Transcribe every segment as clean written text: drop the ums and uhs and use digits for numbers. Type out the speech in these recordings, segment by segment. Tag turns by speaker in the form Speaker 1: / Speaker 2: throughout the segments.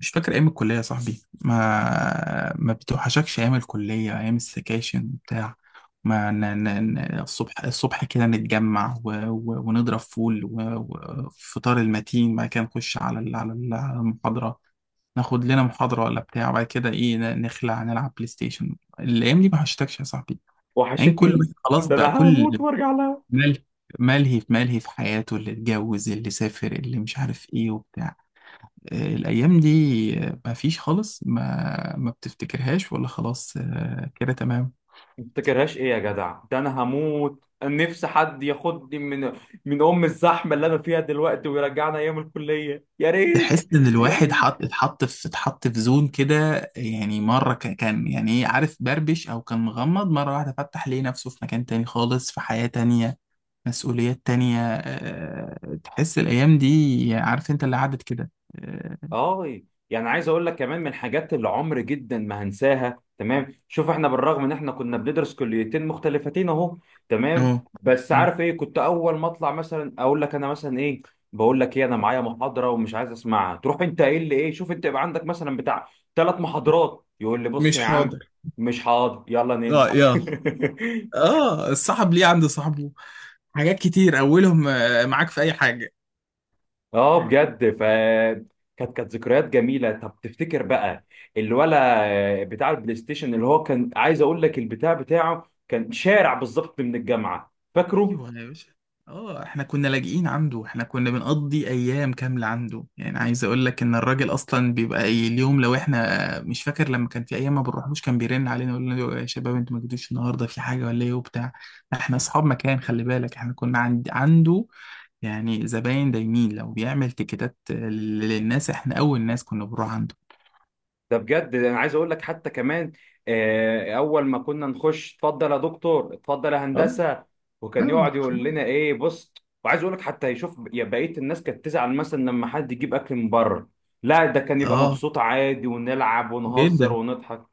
Speaker 1: مش فاكر ايام الكليه يا صاحبي، ما بتوحشكش ايام الكليه، ايام السكاشن بتاع. ما ن... ن... ن... الصبح كده نتجمع ونضرب فول وفطار المتين، بعد كده نخش على المحاضره. ناخد لنا محاضره ولا بتاع، بعد كده ايه نخلع نلعب بلاي ستيشن. الايام دي ما وحشتكش يا صاحبي؟ يعني كل واحد
Speaker 2: وحشتني.
Speaker 1: خلاص
Speaker 2: ده
Speaker 1: بقى
Speaker 2: انا هموت
Speaker 1: كل
Speaker 2: وارجع لها.
Speaker 1: ملهي ملهي في حياته، اللي اتجوز، اللي سافر، اللي مش عارف ايه وبتاع. الأيام دي، ما فيش خالص. ما بتفتكرهاش ولا خلاص. آه، كده تمام.
Speaker 2: ما بتفتكرهاش ايه يا جدع؟ ده انا هموت نفسي حد ياخدني من ام الزحمه اللي انا فيها دلوقتي ويرجعنا ايام الكليه، يا ريت
Speaker 1: تحس إن
Speaker 2: يا
Speaker 1: الواحد
Speaker 2: ريت.
Speaker 1: حط اتحط في زون كده. يعني مرة كان يعني إيه، عارف، بربش أو كان مغمض، مرة واحدة فتح ليه نفسه في مكان تاني خالص، في حياة تانية، مسؤوليات تانية. تحس الأيام دي، عارف أنت اللي عدت كده. آه.
Speaker 2: اه، يعني عايز اقول لك كمان من الحاجات اللي عمر جدا ما هنساها. تمام، شوف، احنا بالرغم ان احنا كنا بندرس كليتين مختلفتين اهو. تمام.
Speaker 1: أه.
Speaker 2: بس
Speaker 1: مم.
Speaker 2: عارف ايه؟ كنت اول ما اطلع مثلا اقول لك انا مثلا ايه، بقول لك ايه، انا معايا محاضره ومش عايز اسمعها، تروح انت ايه اللي ايه، شوف انت يبقى عندك مثلا بتاع ثلاث محاضرات يقول لي بص يا عم، مش حاضر، يلا ننزل.
Speaker 1: اه يا اه، الصاحب ليه عند صاحبه حاجات كتير، اولهم معاك في اي حاجه.
Speaker 2: اه بجد ف كانت ذكريات جميله. طب تفتكر بقى الولا بتاع البلاي ستيشن، اللي هو كان، عايز اقول لك البتاع بتاعه كان شارع بالظبط من الجامعه، فاكره؟
Speaker 1: ايوه يا باشا. اه، احنا كنا لاجئين عنده، احنا كنا بنقضي ايام كامله عنده. يعني عايز اقول لك ان الراجل اصلا بيبقى أي اليوم، لو احنا مش فاكر لما كان في ايام ما بنروحلوش كان بيرن علينا يقول لنا يا شباب انتوا ما جيتوش النهارده، في حاجه ولا ايه وبتاع. احنا اصحاب مكان خلي بالك، احنا كنا عند عنده، يعني زباين دايمين. لو بيعمل تيكيتات للناس احنا اول ناس كنا بنروح عنده.
Speaker 2: ده بجد انا عايز اقول لك حتى كمان، اول ما كنا نخش، اتفضل يا دكتور، اتفضل يا
Speaker 1: اه،
Speaker 2: هندسه، وكان
Speaker 1: اه،
Speaker 2: يقعد يقول لنا ايه، بص، وعايز اقول لك حتى يشوف، يا بقيه الناس كانت تزعل مثلا لما حد يجيب اكل من بره، لا، ده كان يبقى
Speaker 1: اه،
Speaker 2: مبسوط عادي، ونلعب ونهزر
Speaker 1: جدا.
Speaker 2: ونضحك.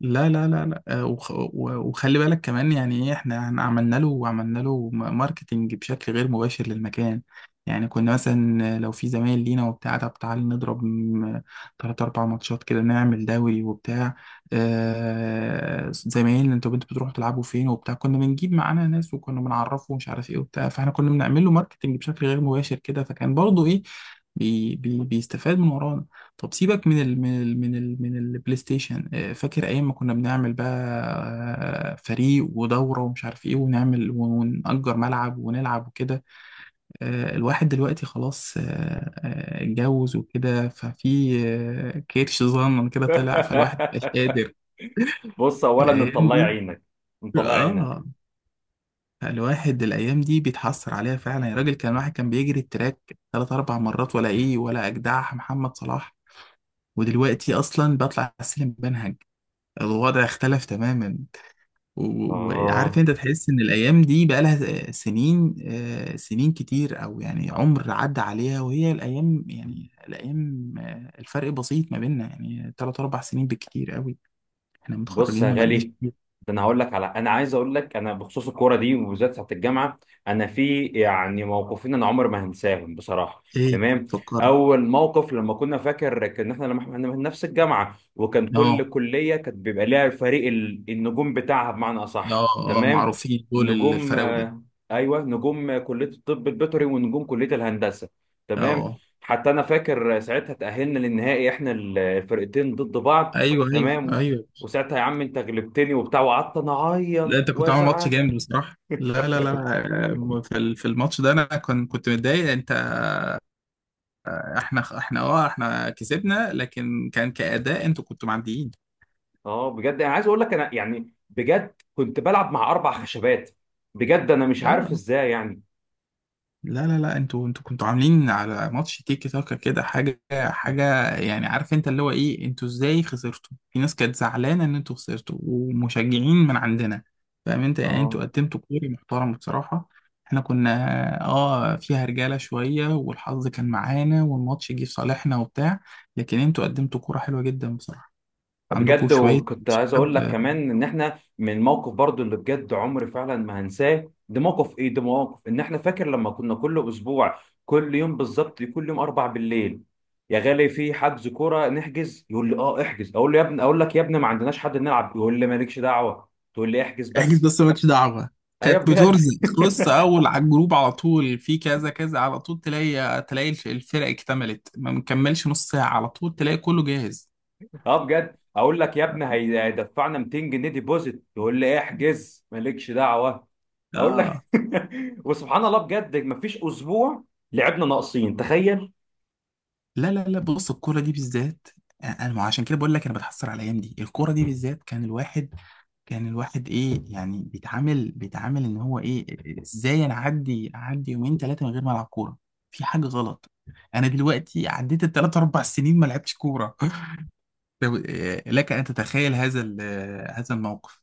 Speaker 1: لا، لا، لا، لا، وخلي بالك كمان يعني ايه. احنا عملنا له وعملنا له ماركتينج بشكل غير مباشر للمكان. يعني كنا مثلا لو في زمايل لينا وبتاع، طب تعالى نضرب تلات أربع ماتشات كده، نعمل دوري وبتاع. آه زمايلنا، انتوا بنتوا بتروحوا تلعبوا فين وبتاع، كنا بنجيب معانا ناس وكنا بنعرفه ومش عارف ايه وبتاع. فاحنا كنا بنعمل له ماركتينج بشكل غير مباشر كده، فكان برضه ايه، بي بي بيستفاد من ورانا. طب سيبك من البلاي ستيشن. فاكر ايام ما كنا بنعمل بقى فريق ودورة ومش عارف ايه، ونعمل ونأجر ملعب ونلعب وكده. الواحد دلوقتي خلاص، اتجوز وكده، ففي كرش صغنن كده طلع، فالواحد مش قادر
Speaker 2: بص، اولا انت
Speaker 1: الايام
Speaker 2: الله يعينك، انت
Speaker 1: دي.
Speaker 2: الله يعينك.
Speaker 1: اه، الواحد الايام دي بيتحسر عليها فعلا يا راجل. كان واحد كان بيجري التراك ثلاث اربع مرات، ولا ايه، ولا اجدع محمد صلاح. ودلوقتي اصلا بطلع السلم بنهج. الوضع اختلف تماما. وعارف
Speaker 2: اه،
Speaker 1: انت، تحس ان الايام دي بقى لها سنين، سنين كتير، او يعني عمر عدى عليها، وهي الايام يعني الايام، الفرق بسيط ما بيننا، يعني تلات اربع سنين بالكتير قوي. احنا
Speaker 2: بص
Speaker 1: متخرجين
Speaker 2: يا
Speaker 1: ما بقالناش
Speaker 2: غالي،
Speaker 1: كتير.
Speaker 2: ده انا هقول لك على، انا عايز اقول لك انا بخصوص الكوره دي وبالذات بتاعت الجامعه. انا في يعني موقفين انا عمري ما هنساهم بصراحه.
Speaker 1: ايه،
Speaker 2: تمام.
Speaker 1: فكرنا.
Speaker 2: اول موقف لما كنا، فاكر كان احنا لما احنا من نفس الجامعه، وكان
Speaker 1: اه،
Speaker 2: كل كليه كانت بيبقى ليها فريق النجوم بتاعها، بمعنى
Speaker 1: اه،
Speaker 2: اصح.
Speaker 1: اه،
Speaker 2: تمام.
Speaker 1: معروفين دول
Speaker 2: نجوم،
Speaker 1: الفراوده.
Speaker 2: ايوه نجوم كليه الطب البيطري ونجوم كليه الهندسه. تمام.
Speaker 1: اه.
Speaker 2: حتى انا فاكر ساعتها تاهلنا للنهائي احنا الفرقتين ضد بعض.
Speaker 1: ايوه، ايوه،
Speaker 2: تمام.
Speaker 1: ايوه.
Speaker 2: وساعتها يا عم انت غلبتني وبتاع، وقعدت انا
Speaker 1: لا
Speaker 2: اعيط
Speaker 1: انت كنت عامل ماتش
Speaker 2: وازعل.
Speaker 1: جامد بصراحه، لا، لا، لا. في الماتش ده انا كنت كنت متضايق انت. احنا كسبنا، لكن كان كأداء انتوا كنتوا معديين.
Speaker 2: اه، بجد انا عايز اقول لك، انا يعني بجد كنت بلعب مع اربع خشبات، بجد انا مش عارف
Speaker 1: اه.
Speaker 2: ازاي يعني.
Speaker 1: لا، لا، لا، انتوا كنتوا عاملين على ماتش تيكي تاكا كده، حاجة حاجة يعني. عارف انت اللي هو ايه، انتوا ازاي خسرتوا؟ في ناس كانت زعلانة ان انتوا خسرتوا، ومشجعين من عندنا. فاهم انت، يعني انتوا
Speaker 2: اه،
Speaker 1: قدمتوا كوري محترم بصراحة. احنا كنا اه، فيها رجالة شوية والحظ كان معانا والماتش جه في صالحنا وبتاع. لكن انتوا قدمتوا كورة حلوة جدا بصراحة. عندكم
Speaker 2: بجد،
Speaker 1: شوية
Speaker 2: وكنت عايز اقول لك
Speaker 1: شباب.
Speaker 2: كمان ان احنا من الموقف برضو اللي بجد عمري فعلا ما هنساه، ده موقف ايه، ده موقف ان احنا، فاكر لما كنا كل اسبوع، كل يوم بالظبط، كل يوم اربع بالليل يا غالي في حجز كوره نحجز، يقول لي اه احجز، اقول له يا ابني، اقول لك يا ابني ما عندناش حد نلعب، يقول لي مالكش دعوه، تقول لي احجز
Speaker 1: احجز
Speaker 2: بس.
Speaker 1: بس، مالكش دعوة.
Speaker 2: ايوه
Speaker 1: كانت
Speaker 2: بجد.
Speaker 1: بترزق، تخص اول على الجروب على طول، في كذا كذا، على طول تلاقي تلاقي الفرق اكتملت. ما مكملش نص ساعة على طول تلاقي كله جاهز.
Speaker 2: اه بجد اقول لك يا ابني هيدفعنا 200 جنيه ديبوزيت، يقول لي احجز مالكش دعوه. اقول
Speaker 1: اه.
Speaker 2: لك وسبحان الله بجد مفيش اسبوع لعبنا ناقصين، تخيل.
Speaker 1: لا، لا، لا، بص الكورة دي بالذات، انا ما عشان كده بقول لك انا بتحسر على الايام دي. الكورة دي بالذات، كان الواحد، كان الواحد ايه يعني، بيتعامل بيتعامل ان هو ايه، ازاي انا اعدي يومين ثلاثة من غير ما العب كورة؟ في حاجة غلط. انا دلوقتي عديت الثلاث اربع سنين ما لعبتش كورة. لك أن تتخيل هذا ال- آه، هذا الموقف.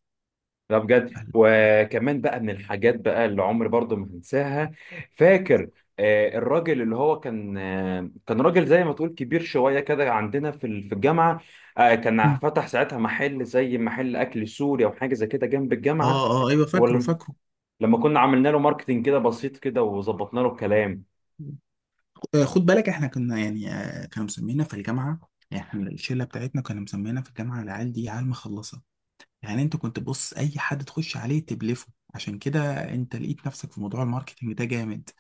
Speaker 2: لا بجد،
Speaker 1: فهل-
Speaker 2: وكمان بقى من الحاجات بقى اللي عمري برضو ما هنساها، فاكر الراجل اللي هو كان، كان راجل زي ما تقول كبير شويه كده عندنا في في الجامعه، كان
Speaker 1: مم.
Speaker 2: فتح ساعتها محل زي محل اكل سوري او حاجه زي كده جنب الجامعه،
Speaker 1: اه، اه، ايوه، فاكره فاكره.
Speaker 2: لما كنا عملنا له ماركتينج كده بسيط كده وظبطنا له الكلام.
Speaker 1: خد بالك احنا كنا يعني، كانوا مسمينا في الجامعه، يعني احنا الشله بتاعتنا كانوا مسمينا في الجامعه العيال دي عيال مخلصه. يعني انت كنت بص، اي حد تخش عليه تبلفه. عشان كده انت لقيت نفسك في موضوع الماركتينج ده جامد.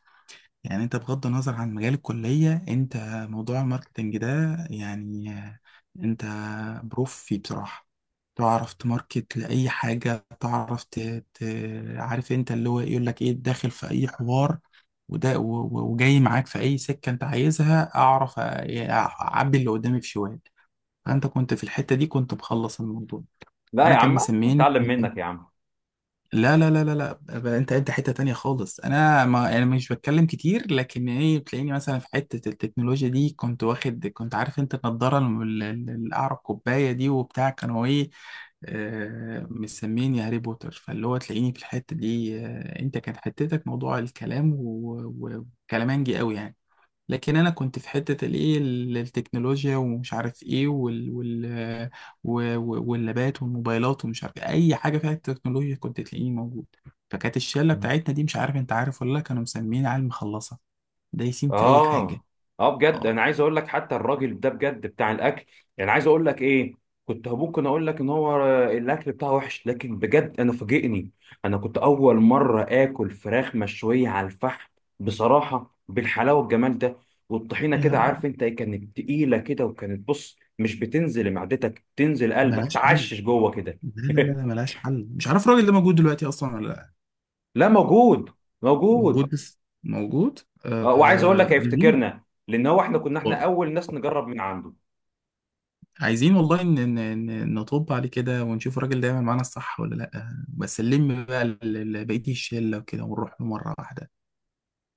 Speaker 1: يعني انت بغض النظر عن مجال الكلية، انت موضوع الماركتنج ده، يعني انت بروف فيه بصراحة. تعرف تماركت لأي حاجة، تعرف ت... عارف انت اللي هو يقول لك ايه، داخل في أي حوار، وده وجاي معاك في أي سكة انت عايزها. أعرف أعبي اللي قدامي في شوال. فأنت كنت في الحتة دي كنت مخلص الموضوع.
Speaker 2: لا
Speaker 1: وأنا
Speaker 2: يا
Speaker 1: كان
Speaker 2: عم،
Speaker 1: مسميني،
Speaker 2: اتعلم منك يا عم.
Speaker 1: لا، لا، لا، لا، لا، انت انت حته تانية خالص، انا ما يعني مش بتكلم كتير، لكن ايه بتلاقيني مثلا في حته التكنولوجيا دي، كنت واخد كنت عارف انت، النضاره الاعرق كوبايه دي وبتاع، كانوا ايه، مسميني هاري بوتر. فاللي هو تلاقيني في الحته دي، انت كانت حتتك موضوع الكلام، وكلامانجي قوي يعني. لكن انا كنت في حته الايه التكنولوجيا ومش عارف ايه، وال وال واللابات والموبايلات ومش عارف إيه. اي حاجه فيها التكنولوجيا كنت تلاقيني موجود. فكانت الشله بتاعتنا دي، مش عارف انت عارف ولا لا، كانوا مسميين عيال مخلصه، دايسين في اي حاجه.
Speaker 2: اه اه. بجد
Speaker 1: اه
Speaker 2: انا عايز اقول لك حتى الراجل ده بجد بتاع الاكل، يعني عايز اقول لك ايه، كنت ممكن اقول لك ان هو الاكل بتاعه وحش، لكن بجد انا فاجئني. انا كنت اول مره اكل فراخ مشويه على الفحم بصراحه، بالحلاوه والجمال ده، والطحينه
Speaker 1: يا
Speaker 2: كده، عارف انت ايه، كانت تقيله كده، وكانت بص مش بتنزل معدتك، تنزل قلبك
Speaker 1: ملهاش حل.
Speaker 2: تعشش جوه كده.
Speaker 1: لا، لا، لا، لا، ملهاش حل. مش عارف الراجل ده موجود دلوقتي اصلا ولا لا.
Speaker 2: لا موجود،
Speaker 1: موجود
Speaker 2: موجود.
Speaker 1: بس، موجود. آه.
Speaker 2: آه، وعايز اقول لك
Speaker 1: عايزين،
Speaker 2: هيفتكرنا لان هو احنا كنا احنا اول ناس نجرب من عنده.
Speaker 1: عايزين والله إن نطب عليه كده، ونشوف الراجل ده يعمل معانا الصح ولا لأ، بس نلم بقى بقية الشلة وكده، ونروح له مرة واحدة.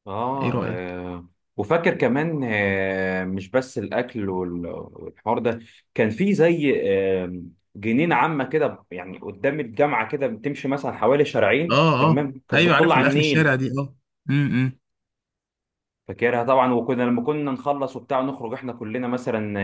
Speaker 2: اه,
Speaker 1: إيه رأيك؟
Speaker 2: آه. وفاكر كمان آه، مش بس الاكل والحوار ده، كان في زي آه جنينه عامه كده يعني قدام الجامعه كده، بتمشي مثلا حوالي شارعين،
Speaker 1: آه. آه
Speaker 2: تمام، كانت
Speaker 1: أيوه،
Speaker 2: بتطل
Speaker 1: عارف
Speaker 2: على
Speaker 1: الآخر،
Speaker 2: النيل.
Speaker 1: الشارع دي آه. امم.
Speaker 2: فاكرها طبعا، وكنا لما كنا نخلص وبتاع نخرج احنا كلنا مثلا،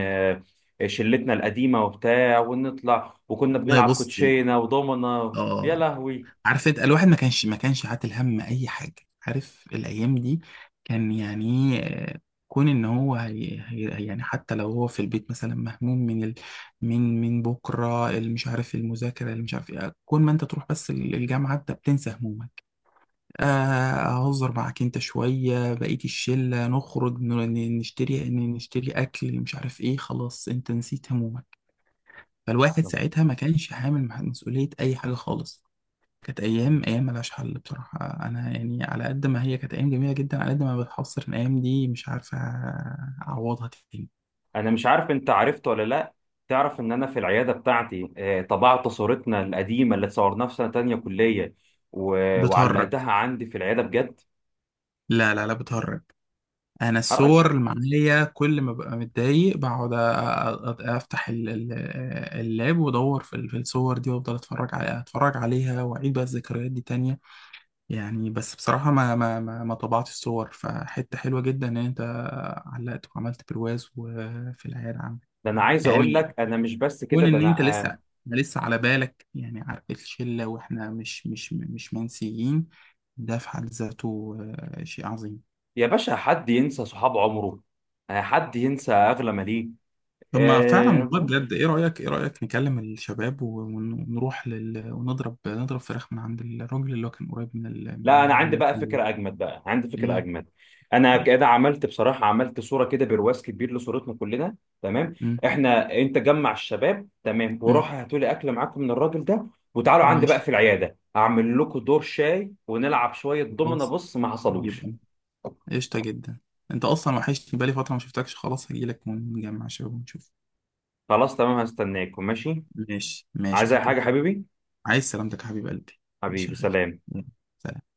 Speaker 2: آه شلتنا القديمه وبتاع، ونطلع وكنا
Speaker 1: والله
Speaker 2: بنلعب
Speaker 1: بص
Speaker 2: كوتشينه ودومنا، يا
Speaker 1: آه
Speaker 2: لهوي.
Speaker 1: عارف انت، الواحد ما كانش عاتل هم اي حاجه. عارف الايام دي كان يعني ايه، آه، كون ان هو هي يعني حتى لو هو في البيت مثلا مهموم من ال من من بكره، اللي مش عارف المذاكره، اللي مش عارف ايه. كون ما انت تروح بس الجامعه، انت بتنسى همومك. آه، اهزر معاك انت شويه بقيه الشله، نخرج نشتري نشتري اكل، مش عارف ايه، خلاص انت نسيت همومك. فالواحد
Speaker 2: تمام.
Speaker 1: ساعتها ما كانش حامل مسؤوليه اي حاجه خالص. كانت ايام،
Speaker 2: تمام.
Speaker 1: ايام ملهاش حل بصراحه. انا يعني على قد ما هي كانت ايام جميله جدا، على قد ما بتحصر الايام دي، مش عارفه اعوضها تاني.
Speaker 2: انا مش عارف انت عرفت ولا لا، تعرف ان انا في العياده بتاعتي طبعت صورتنا القديمه اللي اتصورناها في سنه تانية كليه،
Speaker 1: بتهرج؟
Speaker 2: وعلقتها عندي في العياده بجد.
Speaker 1: لا، لا، لا، بتهرج. انا
Speaker 2: حرك.
Speaker 1: الصور اللي معايا، كل ما ببقى متضايق بقعد افتح اللاب وادور في الصور دي، وافضل اتفرج عليها اتفرج عليها، واعيد بقى الذكريات دي تانية. يعني بس بصراحه، ما طبعتش الصور. فحته حلوه جدا ان انت علقت وعملت برواز وفي العيال عم.
Speaker 2: ده انا عايز اقول لك
Speaker 1: يعني
Speaker 2: انا مش بس كده،
Speaker 1: كون
Speaker 2: ده
Speaker 1: ان انت
Speaker 2: انا آه،
Speaker 1: لسه، لسه على بالك يعني على الشله، واحنا مش منسيين، ده في حد ذاته شيء عظيم.
Speaker 2: يا باشا حد ينسى صحاب عمره؟ حد ينسى اغلى ما ليه؟
Speaker 1: طب ما فعلا والله بجد، ايه رايك، ايه رايك نكلم الشباب ونروح لل... ونضرب نضرب فراخ من عند الراجل اللي هو كان قريب
Speaker 2: لا، انا
Speaker 1: من
Speaker 2: عندي بقى
Speaker 1: الكليه.
Speaker 2: فكره اجمد، بقى عندي فكره
Speaker 1: ايه.
Speaker 2: اجمد. انا كده عملت بصراحه، عملت صوره كده برواز كبير لصورتنا كلنا. تمام،
Speaker 1: امم.
Speaker 2: احنا انت جمع الشباب، تمام،
Speaker 1: امم.
Speaker 2: وروح هاتوا لي اكل معاكم من الراجل ده، وتعالوا عندي بقى
Speaker 1: ماشي.
Speaker 2: في العياده اعمل لكم دور شاي ونلعب شويه دومنا،
Speaker 1: خلاص.
Speaker 2: بص ما حصلوش.
Speaker 1: يبقى قشطه جدا. انت اصلا وحشتني بقالي فتره ما شفتكش، خلاص هجيلك ونجمع شباب ونشوف.
Speaker 2: خلاص تمام، هستناكم، ماشي.
Speaker 1: ماشي، ماشي
Speaker 2: عايز
Speaker 1: يا
Speaker 2: اي حاجه
Speaker 1: حبيبي.
Speaker 2: حبيبي؟
Speaker 1: عايز سلامتك يا حبيب قلبي. ماشي
Speaker 2: حبيبي
Speaker 1: يا غالي.
Speaker 2: سلام.
Speaker 1: يلا، سلام.